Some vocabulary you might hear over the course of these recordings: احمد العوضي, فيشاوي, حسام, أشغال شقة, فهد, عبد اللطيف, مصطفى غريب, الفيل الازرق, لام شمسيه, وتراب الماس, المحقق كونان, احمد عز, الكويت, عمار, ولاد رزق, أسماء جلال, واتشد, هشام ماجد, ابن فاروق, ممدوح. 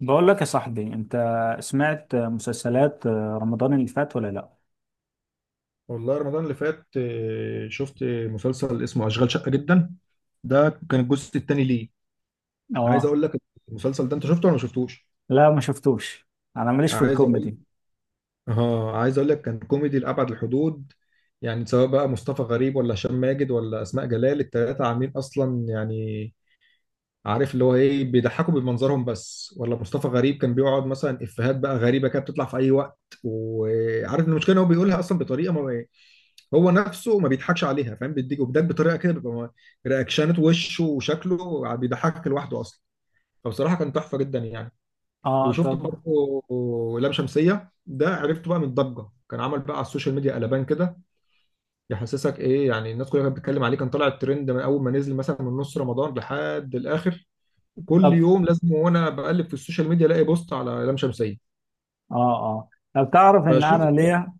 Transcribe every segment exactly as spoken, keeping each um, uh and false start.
بقول لك يا صاحبي انت، سمعت مسلسلات رمضان اللي فات ولا لا؟ والله رمضان اللي فات آه، شفت مسلسل اسمه أشغال شقة جدا. ده كان الجزء الثاني ليه. عايز اه. اقول لك، المسلسل ده انت شفته ولا ما شفتوش؟ لا ما شفتوش، انا ماليش في عايز اقول الكوميدي. اه عايز اقول لك كان كوميدي لأبعد الحدود. يعني سواء بقى مصطفى غريب ولا هشام ماجد ولا أسماء جلال، التلاتة عاملين اصلا، يعني عارف اللي هو ايه، بيضحكوا بمنظرهم بس. ولا مصطفى غريب كان بيقعد مثلا افيهات بقى غريبة كده بتطلع في اي وقت، وعارف إن المشكلة ان هو بيقولها اصلا بطريقة هو نفسه ما بيضحكش عليها، فاهم؟ بيديك وبيضحك بطريقه كده بيبقى م- رياكشنات وشه وشكله بيضحكك لوحده اصلا. فبصراحه كان تحفه جدا يعني. اه وشفت طب. برضه لام شمسيه، ده عرفته بقى من الضجه، كان عمل بقى على السوشيال ميديا قلبان كده. يحسسك ايه يعني، الناس كلها كانت بتتكلم عليه، كان طالع الترند من اول ما نزل، مثلا من نص رمضان لحد الاخر. كل طب يوم لازم وانا بقلب في السوشيال ميديا الاقي بوست على لام شمسيه. اه اه طب تعرف ان انا فشفت. ليا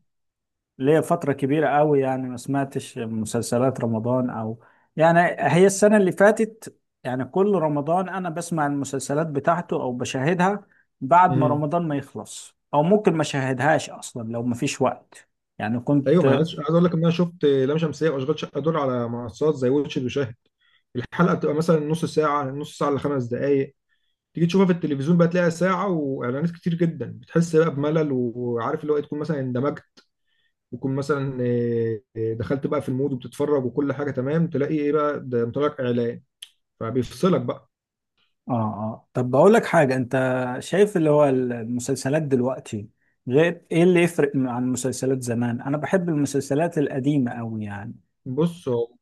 ليا فترة كبيرة قوي، يعني ما سمعتش مسلسلات رمضان او يعني، هي السنة اللي فاتت، يعني كل رمضان انا بسمع المسلسلات بتاعته او بشاهدها بعد ما رمضان ما يخلص، او ممكن ما شاهدهاش اصلا لو ما فيش وقت. يعني ايوه ما أنا كنت عايز عايز اقول لك ان انا شفت لام شمسيه واشغال شقه دول على منصات زي واتشد وشاهد. الحلقه بتبقى مثلا نص ساعه نص ساعه لخمس دقائق، تيجي تشوفها في التلفزيون بقى تلاقيها ساعه واعلانات كتير جدا، بتحس بقى بملل. وعارف اللي هو إيه، تكون مثلا اندمجت، وتكون مثلا إيه، إيه، دخلت بقى في المود وبتتفرج وكل حاجه تمام، تلاقي ايه بقى ده مطلع لك اعلان، فبيفصلك بقى. اه اه. طب بقول لك حاجة انت، شايف اللي هو المسلسلات دلوقتي غير ايه؟ اللي يفرق عن مسلسلات زمان، انا بحب المسلسلات القديمة قوي يعني. بص، هو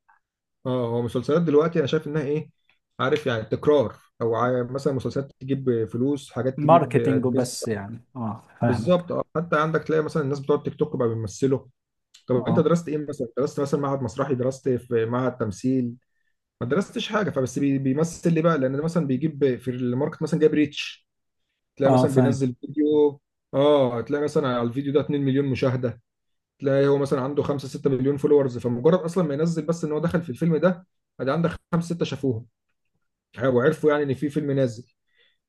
اه هو مسلسلات دلوقتي انا شايف انها ايه، عارف يعني تكرار، او عا- مثلا مسلسلات تجيب فلوس، حاجات تجيب. ماركتينج وبس، يعني اه فاهمك. بالظبط اه. حتى عندك تلاقي مثلا الناس بتوع التيك توك بقى بيمثلوا. طب انت اه درست ايه؟ مثلا درست مثلا معهد مسرحي، درست في معهد تمثيل؟ ما درستش حاجه، فبس بي- بيمثل ليه بقى؟ لان ده مثلا بيجيب في الماركت، مثلا جايب ريتش. تلاقي اه مثلا فاهم. بينزل فيديو، اه تلاقي مثلا على الفيديو ده اتنين مليون مشاهده. تلاقي هو مثلا عنده خمسة ستة مليون فولورز، فمجرد اصلا ما ينزل بس ان هو دخل في الفيلم ده، ادي عندك خمسة ستة شافوه وعرفوا يعني ان في فيلم نازل.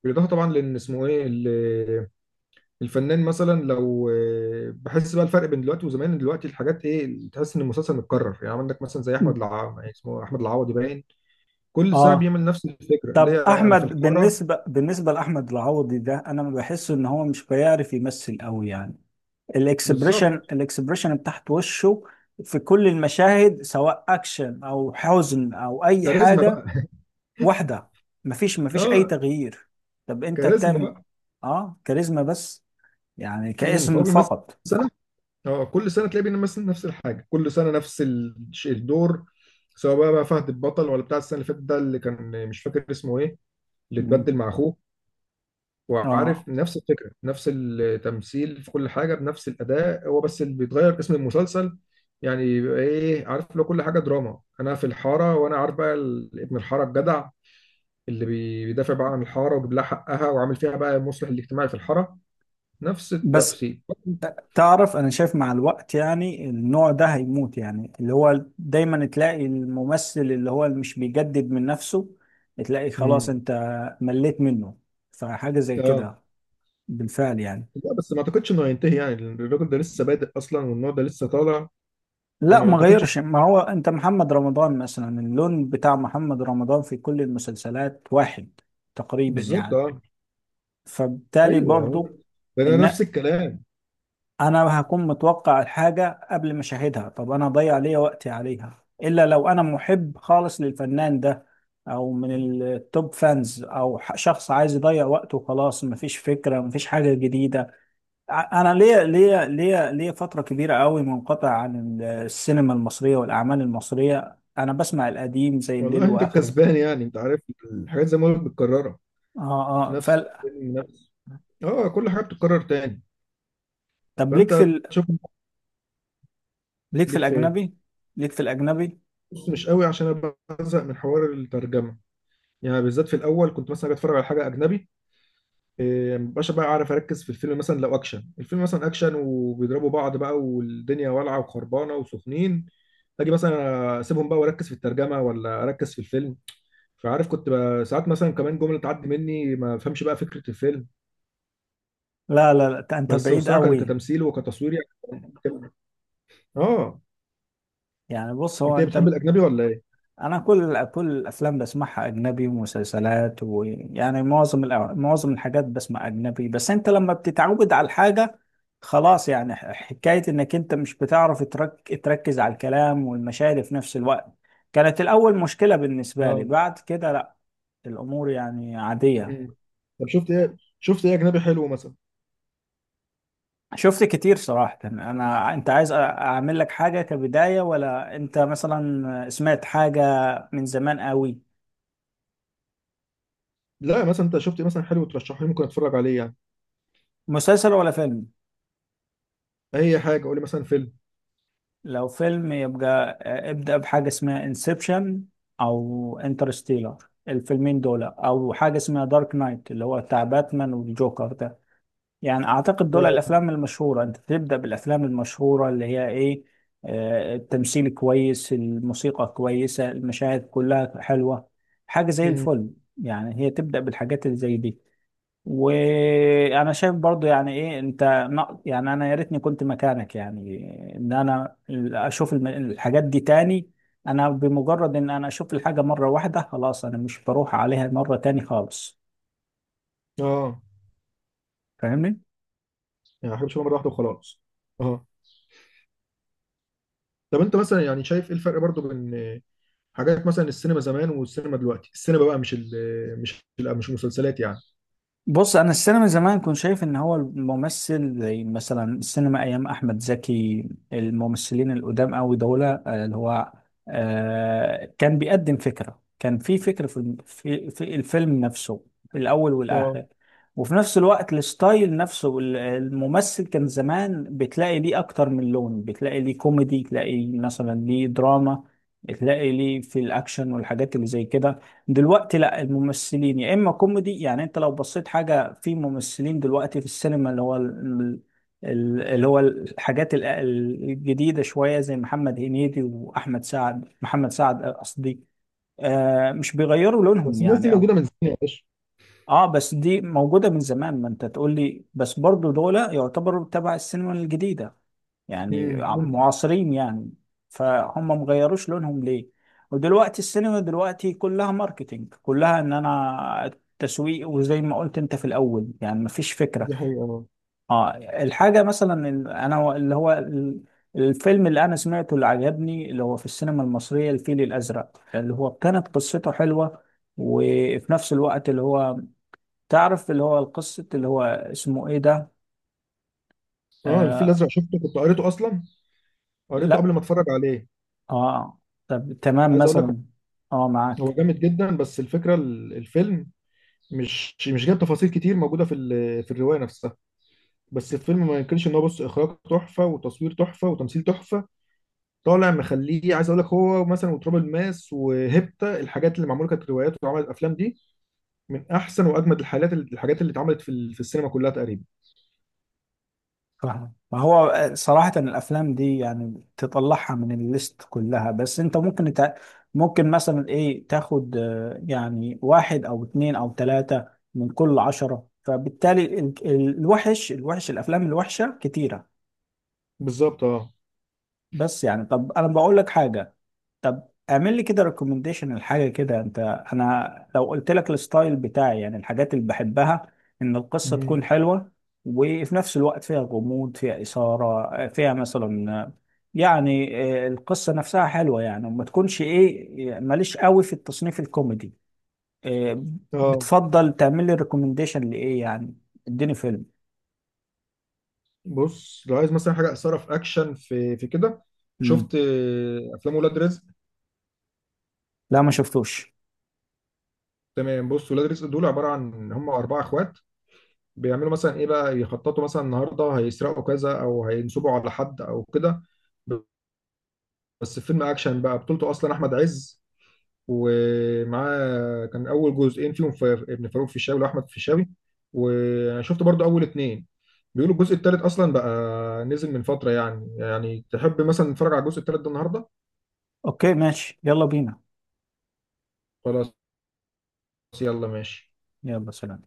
بالاضافه طبعا لان اسمه ايه، الفنان. مثلا لو آه، بحس بقى الفرق بين دلوقتي وزمان. دلوقتي الحاجات ايه، تحس ان المسلسل متكرر. يعني عندك مثلا زي احمد العوضي، يعني اسمه احمد العوضي باين كل سنه اه بيعمل نفس الفكره اللي طب هي انا في احمد، الحاره. بالنسبة بالنسبة لاحمد العوضي ده، انا ما بحس ان هو مش بيعرف يمثل قوي يعني. الاكسبريشن بالظبط. الاكسبريشن بتاعت وشه في كل المشاهد سواء اكشن او حزن او اي كاريزما حاجة، بقى. واحدة. مفيش مفيش أي اه تغيير. طب أنت كاريزما بتعمل بقى آه كاريزما بس، يعني امم فهو كاسم بيمثل فقط. سنه. اه كل سنه تلاقيه بيمثل نفس الحاجه، كل سنه نفس ال- الدور، سواء بقى, بقى فهد البطل ولا بتاع السنه اللي فاتت ده اللي كان مش فاكر اسمه ايه، اللي مم. اتبدل مع اخوه. آه وعارف نفس الفكرة، نفس التمثيل في كل حاجة بنفس الأداء، هو بس اللي بيتغير اسم المسلسل. يعني يبقى إيه، عارف لو كل حاجة دراما أنا في الحارة، وأنا عارف بقى ال- ابن الحارة الجدع اللي بي- بيدافع بقى عن الحارة ويجيب لها حقها وعامل فيها بقى المصلح الاجتماعي في الحارة، نفس بس. التفسير. تعرف أنا شايف مع الوقت يعني النوع ده هيموت، يعني اللي هو دايما تلاقي الممثل اللي هو اللي مش بيجدد من نفسه، تلاقي خلاص مم. أنت مليت منه. فحاجة زي اه كده بالفعل يعني. لا بس ما اعتقدش انه هينتهي، يعني الراجل ده لسه بادئ اصلا، والنوع ده لسه طالع، لا فما ما اعتقدش. غيرش، ما هو أنت محمد رمضان مثلا، اللون بتاع محمد رمضان في كل المسلسلات واحد تقريبا بالظبط يعني. اه. فبالتالي ايوه هو- برضو ده انا ان نفس الكلام. انا هكون متوقع الحاجه قبل ما اشاهدها، طب انا هضيع ليا وقتي عليها؟ الا لو انا محب خالص للفنان ده، او من التوب فانز، او ح- شخص عايز يضيع وقته وخلاص، مفيش فكره مفيش حاجه جديده. ع- انا ليا ليا ليا ليا فتره كبيره قوي منقطع عن ال- السينما المصريه والاعمال المصريه، انا بسمع القديم زي الليل والله انت واخره. الكسبان، يعني انت عارف، الحاجات زي ما قلت متكرره، اه اه نفس فال... الفيلم نفس اه كل حاجه بتتكرر تاني. طب ليك في فانت ال... تشوف ليك في ليك في ايه؟ الاجنبي. ليك في الاجنبي. بص مش قوي، عشان انا بزهق من حوار الترجمه. يعني بالذات في الاول كنت مثلا أجي اتفرج على حاجه اجنبي، إيه، مبقاش بقى عارف اركز في الفيلم. مثلا لو اكشن، الفيلم مثلا اكشن وبيضربوا بعض بقى والدنيا والعه وخربانه وسخنين، اجي مثلا اسيبهم بقى واركز في الترجمه، ولا اركز في الفيلم. فعارف، كنت بقى ساعات مثلا كمان جمله تعدي مني ما افهمش بقى فكره الفيلم. لا لا لا ت- انت بس بعيد بصراحه كان- قوي. كتمثيل وكتصوير يعني بتبقى- اه. يعني بص هو انت إيه، انت بتحب ب... الاجنبي ولا ايه؟ انا كل كل الافلام بسمعها اجنبي ومسلسلات، ويعني معظم الأ... معظم الحاجات بسمع اجنبي، بس انت لما بتتعود على الحاجه خلاص. يعني ح- حكايه انك انت مش بتعرف ترك... تركز على الكلام والمشاعر في نفس الوقت، كانت الاول مشكله بالنسبه لي، اه. بعد كده لا، الامور يعني عاديه. مم. طب شفت ايه؟ شفت ايه اجنبي حلو مثلا؟ شفت كتير صراحة. أنا أنت عايز أ- أعمل لك حاجة كبداية، ولا أنت مثلا سمعت حاجة من زمان قوي؟ لا مثلا انت شفت إيه مثلا حلو ترشحه لي، ممكن اتفرج عليه يعني؟ مسلسل ولا فيلم؟ اي حاجه، قول لي مثلا فيلم. لو فيلم يبقى آه، ابدأ بحاجة اسمها انسبشن، أو انترستيلر، الفيلمين دول، أو حاجة اسمها دارك نايت اللي هو بتاع باتمان والجوكر ده. يعني اعتقد دول آه. الافلام المشهوره، انت تبدا بالافلام المشهوره اللي هي ايه، آه، التمثيل كويس الموسيقى كويسه المشاهد كلها حلوه، حاجه زي مم. الفل. يعني هي تبدا بالحاجات اللي زي دي. وانا شايف برضو يعني ايه، انت نق- يعني انا يا ريتني كنت مكانك، يعني ان انا اشوف الم- الحاجات دي تاني. انا بمجرد ان انا اشوف الحاجه مره واحده خلاص انا مش بروح عليها مره تاني خالص، اه، فاهمني؟ يعني احب اشوفها مره واحده وخلاص. اه. طب انت مثلا يعني شايف ايه الفرق برضو بين حاجات مثلا السينما زمان والسينما دلوقتي؟ السينما بقى، مش ال مش ال مش المسلسلات يعني. بص انا السينما زمان كنت شايف ان هو الممثل، زي مثلا السينما ايام احمد زكي، الممثلين القدام قوي دول آه، اللي هو آه، كان بيقدم فكره، كان في فكره في الم- في في الفيلم نفسه في الاول آه. والاخر. وفي نفس الوقت الستايل نفسه، ال- الممثل كان زمان بتلاقي ليه اكتر من لون، بتلاقي ليه كوميدي، تلاقي مثلا ليه دراما، تلاقي ليه في الاكشن والحاجات اللي زي كده. دلوقتي لا، الممثلين يا اما كوميدي، يعني انت لو بصيت حاجه في ممثلين دلوقتي في السينما اللي هو ال- ال- اللي هو الحاجات ال- الجديده شويه، زي محمد هنيدي واحمد سعد، محمد سعد قصدي، آه مش بيغيروا لونهم بس الناس دي يعني. موجوده اه من زمان يا باشا. اه بس دي موجوده من زمان، ما انت تقول لي، بس برضو دول يعتبروا تبع السينما الجديده يعني، امم، ممكن. معاصرين يعني، فهم مغيروش لونهم ليه. ودلوقتي السينما دلوقتي كلها ماركتينج، كلها ان انا، تسويق، وزي ما قلت انت في الاول يعني مفيش فكرة. دي حقيقة آه. اه الحاجة مثلا ال- انا اللي هو ال- الفيلم اللي انا سمعته اللي عجبني اللي هو في السينما المصرية، الفيل الازرق، اللي هو كانت قصته حلوة، وفي نفس الوقت اللي هو، تعرف اللي هو القصة اللي هو اسمه ايه ده، اه الفيل آه. الازرق شفته، كنت قريته اصلا، قريته لا قبل ما اتفرج عليه. اه طب تمام عايز اقول لك، مثلا. اه هو معاك. جامد جدا، بس الفكره ال- الفيلم مش مش جايب تفاصيل كتير موجوده في ال- في الروايه نفسها. بس الفيلم ما ينكرش ان هو، بص، اخراج تحفه وتصوير تحفه وتمثيل تحفه. طالع مخليه. عايز اقول لك هو مثلا وتراب الماس وهيبتا، الحاجات اللي معموله كانت روايات وعملت افلام، دي من احسن واجمد الحالات اللي الحاجات اللي اتعملت في ال- في السينما كلها تقريبا. فاهم، ما هو آه، صراحة الأفلام دي يعني تطلعها من الليست كلها، بس أنت ممكن تع... ممكن مثلا إيه تاخد آه، يعني واحد أو اتنين أو تلاتة من كل عشرة، فبالتالي ال- ال- الوحش الوحش الأفلام الوحشة كتيرة. بالظبط اه. بس يعني طب أنا بقول لك حاجة، طب اعمل لي كده ريكومنديشن الحاجه كده انت. انا لو قلت لك الستايل بتاعي يعني الحاجات اللي بحبها، ان القصه مهم. تكون حلوه، وفي نفس الوقت فيها غموض، فيها اثاره، فيها مثلا يعني آه، القصه نفسها حلوه يعني، وما تكونش ايه، ماليش قوي في التصنيف الكوميدي آه، اه بتفضل تعمل لي ريكومنديشن لايه يعني، اديني فيلم. بص، لو عايز مثلا حاجه اثاره في اكشن في في كده، مم. شفت آه، افلام ولاد رزق؟ لا ما شفتوش. تمام، بص، ولاد رزق دول عباره عن هم اربعه اخوات، بيعملوا مثلا ايه بقى، يخططوا مثلا النهارده هيسرقوا كذا او هينصبوا على حد او كده. بس فيلم اكشن بقى، بطولته اصلا احمد عز، ومعاه كان اول جزئين فيهم ف- ابن فاروق فيشاوي واحمد فيشاوي. وانا شفت برضو اول اتنين، بيقولوا الجزء التالت اصلا بقى نزل من فتره. يعني يعني تحب مثلا نتفرج على الجزء التالت ده النهارده؟ اوكي ماشي يلا بينا. خلاص، يلا ماشي. يلا سلام.